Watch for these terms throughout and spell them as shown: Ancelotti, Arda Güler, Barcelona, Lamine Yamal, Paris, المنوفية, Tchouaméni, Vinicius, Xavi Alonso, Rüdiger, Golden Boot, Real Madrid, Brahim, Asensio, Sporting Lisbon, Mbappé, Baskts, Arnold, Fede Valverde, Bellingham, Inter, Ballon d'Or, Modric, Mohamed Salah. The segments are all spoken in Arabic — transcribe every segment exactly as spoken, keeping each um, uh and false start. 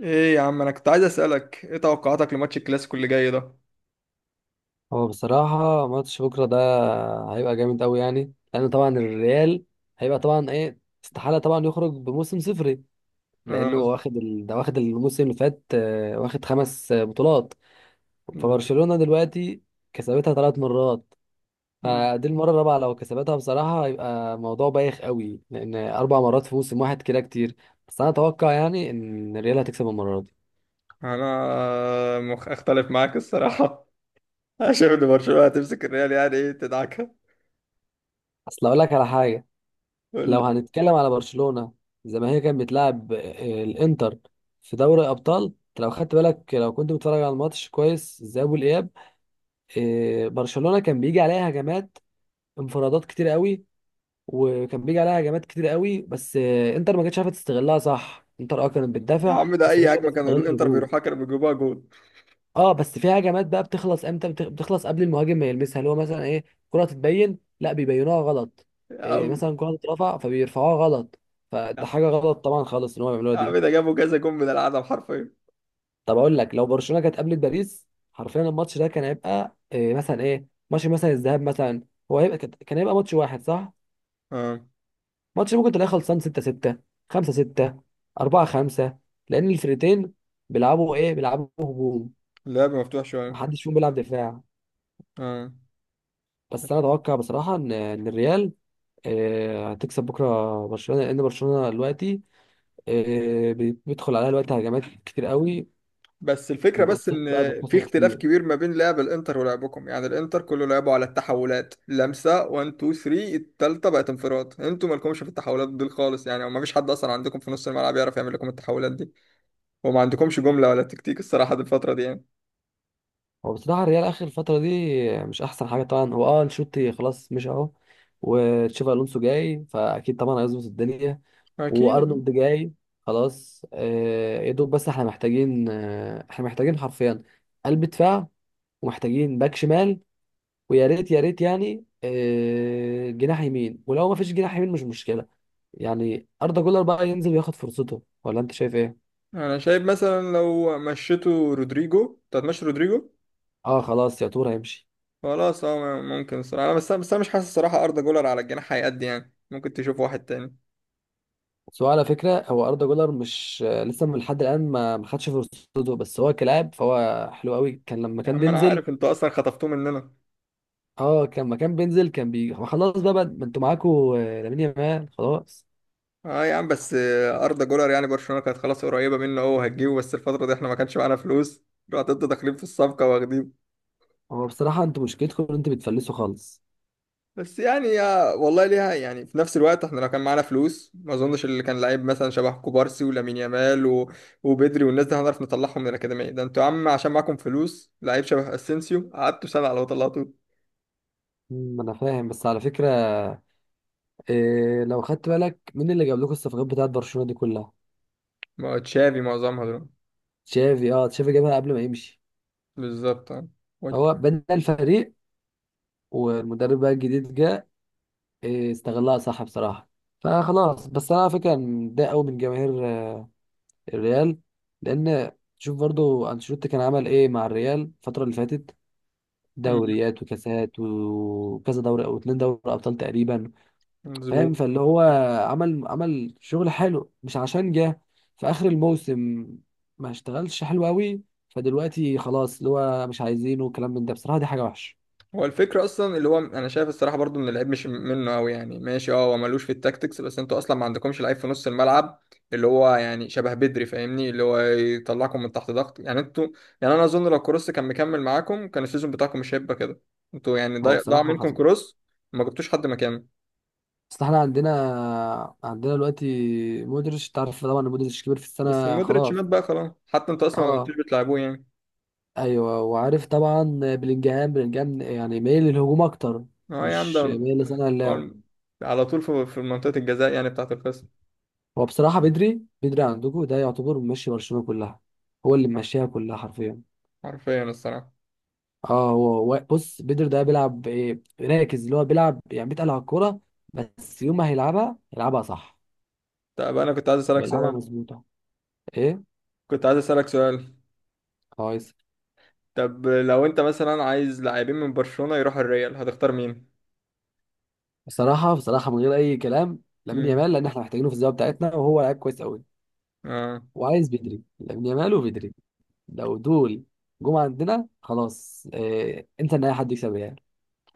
ايه يا عم، انا كنت عايز اسالك ايه توقعاتك لماتش الكلاسيكو اللي جاي ده. هو بصراحة ماتش بكرة ده هيبقى جامد أوي، يعني لأن طبعا الريال هيبقى طبعا إيه، استحالة طبعا يخرج بموسم صفري انا لأنه هو مز... واخد ال... ده واخد الموسم اللي فات، آه، واخد خمس آه، بطولات. فبرشلونة دلوقتي كسبتها ثلاث مرات، فدي المرة الرابعة لو كسبتها بصراحة هيبقى موضوع بايخ أوي، لأن أربع مرات في موسم واحد كده كتير. بس أنا أتوقع يعني إن الريال هتكسب المرة دي. انا مخ... اختلف معاك الصراحه. انا شايف ان برشلونه هتمسك الريال، يعني ايه، تدعكها. أصل أقول لك على حاجة: قول لو لي. هنتكلم على برشلونة زي ما هي كانت بتلعب آه، الانتر في دوري ابطال، لو خدت بالك، لو كنت بتتفرج على الماتش كويس، الذهاب والاياب، آه، برشلونة كان بيجي عليها هجمات، انفرادات كتير قوي، وكان بيجي عليها هجمات كتير قوي، بس آه، انتر ما كانتش عارفه تستغلها صح. انتر اه كانت يا بتدافع عم، ده بس ما اي كانتش عارفه هجمه كانوا تستغل الانتر الهجوم. بيروحها كانوا بيجيبوها جول. اه بس في هجمات بقى بتخلص امتى، بتخ- بتخلص قبل المهاجم ما يلمسها، اللي هو مثلا ايه، كرة تتبين لا بيبينوها غلط، يا إيه عم، مثلا كرة تترفع فبيرفعوها غلط. فده حاجة غلط طبعا خالص ان هم بيعملوها يا عم دي. ده جابوا كذا جول من العدم حرفيا. طب اقول لك، لو برشلونة كانت قابلت باريس حرفيا، الماتش ده كان هيبقى إيه مثلا، ايه ماتش مثلا الذهاب مثلا، هو هيبقى كان كان هيبقى ماتش واحد صح. اه، ماتش ممكن تلاقيه خلصان ستة ستة، خمسة ستة، اربعة خمسة، لان الفرقتين بيلعبوا ايه، بيلعبوا هجوم، اللعب مفتوح شويه. محدش فيهم بيلعب دفاع. اه، بس انا اتوقع بصراحة ان إن الريال، آه، هتكسب بكره برشلونه، لان برشلونه دلوقتي آه، بيدخل عليها دلوقتي هجمات كتير قوي، بس الفكرة بس والاوفسايد إن بقى في بتخسر اختلاف كتير. كبير ما بين لعب الإنتر ولعبكم، يعني الإنتر كله لعبوا على التحولات، لمسة واحد اتنين تلاتة، التالتة بقت انفراد. انتوا مالكمش في التحولات دي خالص يعني، وما فيش حد أصلا عندكم في نص الملعب يعرف يعمل لكم التحولات دي. وما عندكمش جملة ولا تكتيك الصراحة دي الفترة دي يعني. هو بصراحه الريال اخر الفتره دي مش احسن حاجه طبعا. هو اه انشيلوتي خلاص مش اهو، وتشافي الونسو جاي فاكيد طبعا هيظبط الدنيا، أكيد. وارنولد جاي خلاص، آه، يا دوب. بس احنا محتاجين، آه، احنا محتاجين حرفيا قلب دفاع، ومحتاجين باك شمال، ويا ريت يا ريت يعني آه، جناح يمين، ولو ما فيش جناح يمين مش مشكله، يعني أردا جولر بقى ينزل وياخد فرصته. ولا أنت شايف إيه؟ أنا شايف مثلا لو مشيتوا رودريجو، أنت هتمشي رودريجو. أه خلاص يا تور هيمشي. خلاص أه ممكن الصراحة، بس أنا بس أنا مش حاسس الصراحة أردا جولر على الجناح هيأدي، يعني ممكن تشوف واحد تاني. بس هو على فكرة، هو أردا جولر مش لسه، من لحد الآن ما ما خدش فرصته، بس هو كلاعب فهو حلو قوي كان لما يا كان عم، أنا بينزل. عارف أنتوا أصلا خطفتوه مننا. أه كان لما كان بينزل كان بي، هو خلاص بقى بقى- ما أنتوا معاكوا آه، لامين يامال خلاص. اه يا عم، بس آه، اردا جولر يعني برشلونه كانت خلاص قريبه منه، هو هتجيبه، بس الفتره دي احنا ما كانش معانا فلوس. رحت انتوا داخلين في الصفقه واخدين. هو بصراحة أنتوا مشكلتكم إن أنتوا بتفلسوا خالص. بس يعني يا والله ليها يعني، في نفس الوقت احنا لو كان معانا فلوس، ما اظنش اللي كان لعيب مثلا شبه كوبارسي ولامين يامال و... وبدري والناس دي هنعرف نطلعهم من الاكاديميه. ده انتوا يا عم عشان معاكم فلوس، لعيب شبه اسينسيو قعدتوا سنه على ما طلعتوه. أمم، أنا فاهم، بس على فكرة إيه، لو خدت بالك مين اللي جاب لكم الصفقات بتاعت برشلونة دي كلها؟ ما هو تشافي معظمها دول. تشافي. أه تشافي جابها قبل ما يمشي. بالظبط اه. و- هو بنى الفريق، والمدرب بقى الجديد جه، إيه، استغلها صح بصراحة. فخلاص. بس انا على فكرة متضايق قوي من جماهير آه، الريال، لان شوف برضو انشيلوتي كان عمل ايه مع الريال الفترة اللي فاتت، مم، دوريات وكاسات وكذا، دوري او اتنين دوري ابطال تقريبا. مظبوط. فاهم، فاللي هو عمل عمل شغل حلو، مش عشان جه في اخر الموسم ما اشتغلش حلو قوي فدلوقتي خلاص اللي هو مش عايزينه والكلام من ده. بصراحة دي حاجة وحشة. هو الفكرة أصلا اللي هو، أنا شايف الصراحة برضو إن اللعيب مش منه أوي، يعني ماشي أه هو ملوش في التاكتكس، بس أنتوا أصلا ما عندكمش لعيب في نص الملعب اللي هو يعني شبه بدري، فاهمني، اللي هو يطلعكم من تحت ضغط. يعني أنتوا، يعني أنا أظن لو كروس كان مكمل معاكم كان السيزون بتاعكم مش هيبقى كده. أنتوا يعني هو ضايع ضاع بصراحة منكم حصل. كروس، ما جبتوش حد مكانه. اصل احنا عندنا عندنا دلوقتي مودريتش، تعرف طبعا إن مودريتش كبير في بس السنه مودريتش خلاص. مات بقى خلاص، حتى أنتوا أصلا ما كنتوش اه بتلعبوه يعني. ايوه وعارف طبعا. بلينجهام بلينجهام يعني مايل للهجوم اكتر، أه يا عم مش ده مايل لصانع اللعب. هو على طول في في منطقة الجزاء يعني بتاعة الخصم. هو بصراحه بدري بدري عندكم ده يعتبر ماشي برشلونه كلها، هو اللي ماشيها كلها حرفيا. حرفيا الصراحة. اه هو وا- بص، بدري ده بيلعب ايه، راكز، اللي هو بيلعب يعني بيتقل على الكوره، بس يوم ما هيلعبها يلعبها صح طب أنا كنت عايز أسألك ويلعبها سؤال. مظبوطه. ايه، كنت عايز أسألك سؤال. كويس. طب لو انت مثلا عايز لاعبين من برشلونة يروحوا الريال، هتختار مين؟ بصراحه، بصراحه من غير اي كلام، لامين امم. يامال، لان احنا محتاجينه في الزاويه بتاعتنا، وهو لعيب كويس قوي. اه. وعايز بدري، لامين يامال وبدري، لو دول جم عندنا خلاص. اه انت ان اي حد يكسب يعني.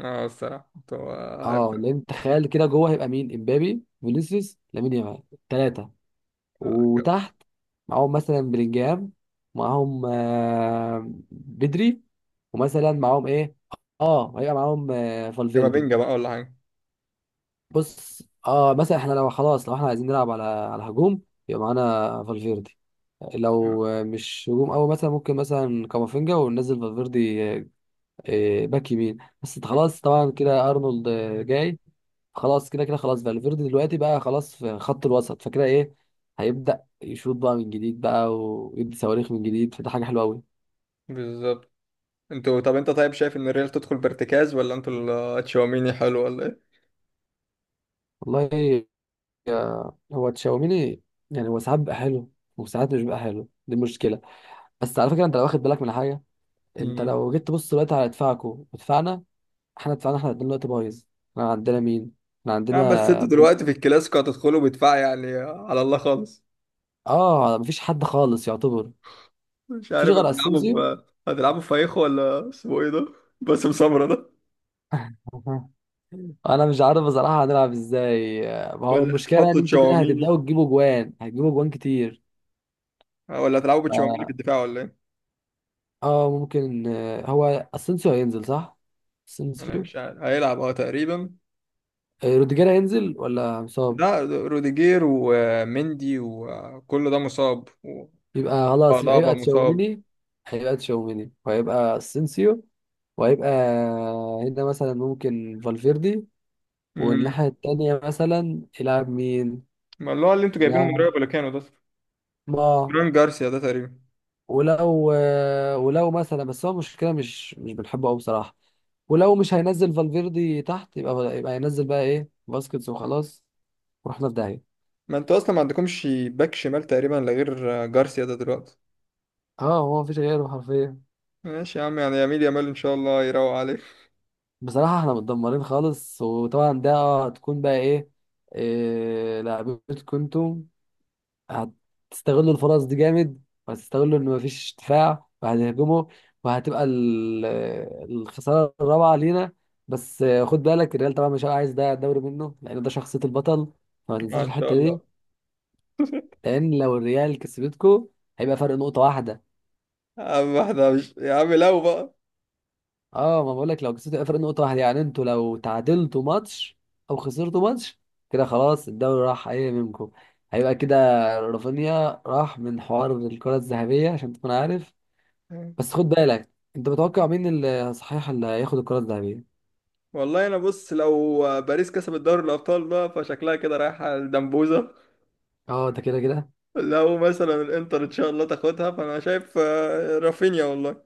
اه الصراحة انتوا. اه لان تخيل كده جوه هيبقى مين، امبابي، فينيسيوس، لامين يامال، ثلاثه، وتحت معاهم مثلا بلينجهام، معاهم آه بدري، ومثلا معاهم ايه، اه هيبقى معاهم آه فالفيردي. كامافينجا بقى ولا حاجة. بص اه مثلا احنا لو خلاص، لو احنا عايزين نلعب على على هجوم يبقى معانا فالفيردي، لو آه، مش هجوم قوي مثلا، ممكن مثلا كامافينجا، وننزل فالفيردي آه، آه، باك يمين. بس مم. خلاص طبعا كده ارنولد آه، جاي خلاص، كده كده خلاص. فالفيردي دلوقتي بقى خلاص في خط الوسط فكده ايه، هيبدأ يشوط بقى من جديد بقى ويدي صواريخ من جديد، فده حاجة حلوة قوي. بالظبط. انتوا طب انت طيب، شايف ان الريال تدخل بارتكاز ولا انتوا ال- تشاوميني حلو ولا ايه؟ والله آه، هو تشاوميني يعني هو ساعات بقى حلو وساعات مش بقى حلو، دي المشكلة. بس على فكرة انت لو واخد بالك من حاجة، انت امم. لو جيت تبص دلوقتي على ادفاعكو ودفعنا، احنا دفعنا، احنا الاتنين دلوقتي بايظ. احنا عندنا مين؟ احنا نعم، بس عندنا انتوا بن- دلوقتي في الكلاسيكو هتدخلوا بدفاع يعني على الله خالص. اه مفيش حد خالص يعتبر، مش مفيش عارف غير هتلعبوا. اسينسيو. ب... هتلعبوا فايخو ولا اسمه ايه ده؟ باسم سمرة ده. أها. انا مش عارف بصراحة هنلعب ازاي. ما هو ولا المشكلة بقى ان تحطوا انتوا كده تشاوميني؟ هتبدأوا تجيبوا جوان، هتجيبوا جوان كتير. اه، ولا هتلعبوا بتشاوميني في ف- الدفاع ولا ايه؟ اه ممكن، آه، هو اسينسيو هينزل صح؟ انا اسينسيو. مش عارف، هيلعب اه تقريبا. آه، روديجير هينزل ولا مصاب؟ لا، روديجير ومندي وكل ده مصاب. يبقى خلاص، يبقى وألابا هيبقى مصاب. تشاوميني. هيبقى تشاوميني وهيبقى اسينسيو، وهيبقى هنا مثلا ممكن فالفيردي. والناحية امم. التانية مثلا يلعب مين؟ ما اللي هو اللي انتوا جايبينه من يلعب، رايو فاليكانو ده، ما، فران جارسيا ده تقريبا. ولو ولو مثلا، بس هو المشكلة مش مش بنحبه أوي بصراحة. ولو مش هينزل فالفيردي تحت يبقى، يبقى هينزل بقى إيه، باسكتس، وخلاص ورحنا في داهية. ما انتوا اصلا ما عندكمش باك شمال تقريبا، لا غير جارسيا ده دلوقتي. اه هو مفيش غيره حرفيا. ماشي يا عم، يعني يميل يامال ان شاء الله يروق عليك. بصراحة احنا متدمرين خالص، وطبعا ده هتكون بقى إيه، إيه لعبتكم انتوا، هتستغلوا الفرص دي جامد، وهتستغلوا ان مفيش دفاع وهتهجموا، وهتبقى ال- الخساره الرابعه لينا. بس خد بالك الريال طبعا مش هيبقى عايز ده الدوري منه، لان ده شخصيه البطل، فما تنساش آه ان شاء الحته الله. دي. لان لو الريال كسبتكو هيبقى فرق نقطه واحده. يا عم احنا مش يا عم لو بقى. اه ما بقول لك لو كسبتوا هيبقى فرق نقطه واحده، يعني انتوا لو تعادلتوا ماتش او خسرتوا ماتش كده خلاص الدوري راح ايه منكم، هيبقى كده. رافينيا راح من حوار الكرة الذهبية عشان تكون عارف. بس خد بالك، انت متوقع مين اللي صحيح اللي هياخد الكرة الذهبية؟ والله انا بص، لو باريس كسبت دوري الابطال بقى فشكلها كده رايحه الدمبوزه. اه ده كده كده. لو مثلا الانتر ان شاء الله تاخدها، فانا شايف آه، رافينيا والله،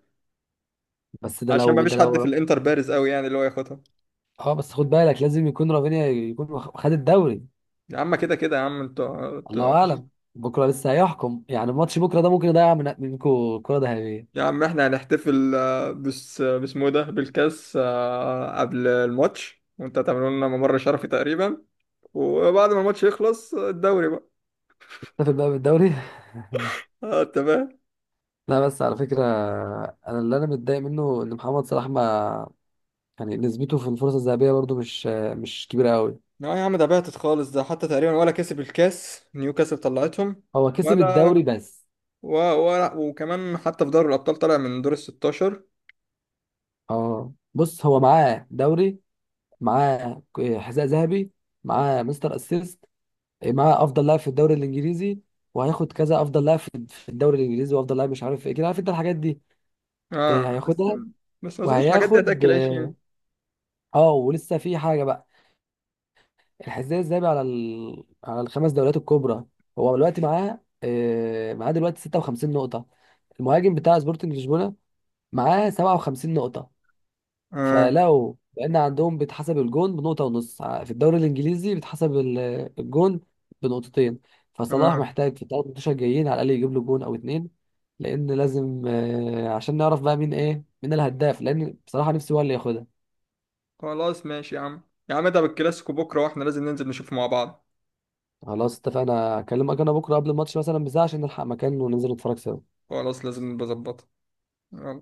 بس ده عشان ما لو، ده فيش حد في لو الانتر بارز قوي يعني اللي هو ياخدها. اه بس خد بالك لازم يكون رافينيا يكون واخ- خد الدوري. يا عم كده كده يا عم، انتوا انتوا- الله اعلم، بكره لسه هيحكم، يعني ماتش بكره ده ممكن يضيع من منكم الكرة يا الذهبية. عم احنا هنحتفل آه، بس آه، باسمه ده بالكاس آه، قبل الماتش، وانت هتعملوا لنا ممر شرفي تقريبا، وبعد ما الماتش يخلص آه، الدوري بقى. نتفق بقى بالدوري. اه تمام. لا بس على فكرة، أنا اللي أنا متضايق منه إن محمد صلاح ما، يعني نسبته في الفرصة الذهبية برضو مش، مش كبيرة أوي. لا يا عم، ده بعتت خالص، ده حتى تقريبا ولا كسب الكاس، نيوكاسل طلعتهم. هو كسب ولا الدوري بس. و... ولا، وكمان حتى في دوري الابطال طلع من دور ال ستاشر. اه بص، هو معاه دوري، معاه حذاء ذهبي، معاه مستر اسيست، إيه، معاه افضل لاعب في الدوري الانجليزي، وهياخد كذا، افضل لاعب في في الدوري الانجليزي، وافضل لاعب مش عارف ايه، كده عارف انت الحاجات دي. اه إيه، بس. هياخدها، بس ما اظنش الحاجات دي وهياخد هتاكل عيش اه يعني. آه، ولسه في حاجه بقى. الحذاء الذهبي على ال... على الخمس دوريات الكبرى، هو دلوقتي معاه، آه، معاه دلوقتي ستة وخمسين نقطه. المهاجم بتاع سبورتنج لشبونه معاه سبعة وخمسين نقطه. اه فلو، لان عندهم بيتحسب الجون بنقطه ونص، ع- في الدوري الانجليزي بيتحسب ال- الجون بنقطتين. فصلاح اه. محتاج في الثلاث ماتشات الجايين على الاقل يجيب له جون او اتنين، لان لازم آه، عشان نعرف بقى مين ايه، مين الهداف، لان بصراحه نفسي هو اللي ياخدها. خلاص ماشي يا عم. يا عم ده بالكلاسيكو بكره، واحنا لازم ننزل نشوف مع بعض. خلاص اتفقنا، اكلمك انا بكره قبل الماتش مثلا بساعه عشان نلحق مكان وننزل نتفرج سوا. خلاص، لازم نبقى نظبطها. يلا.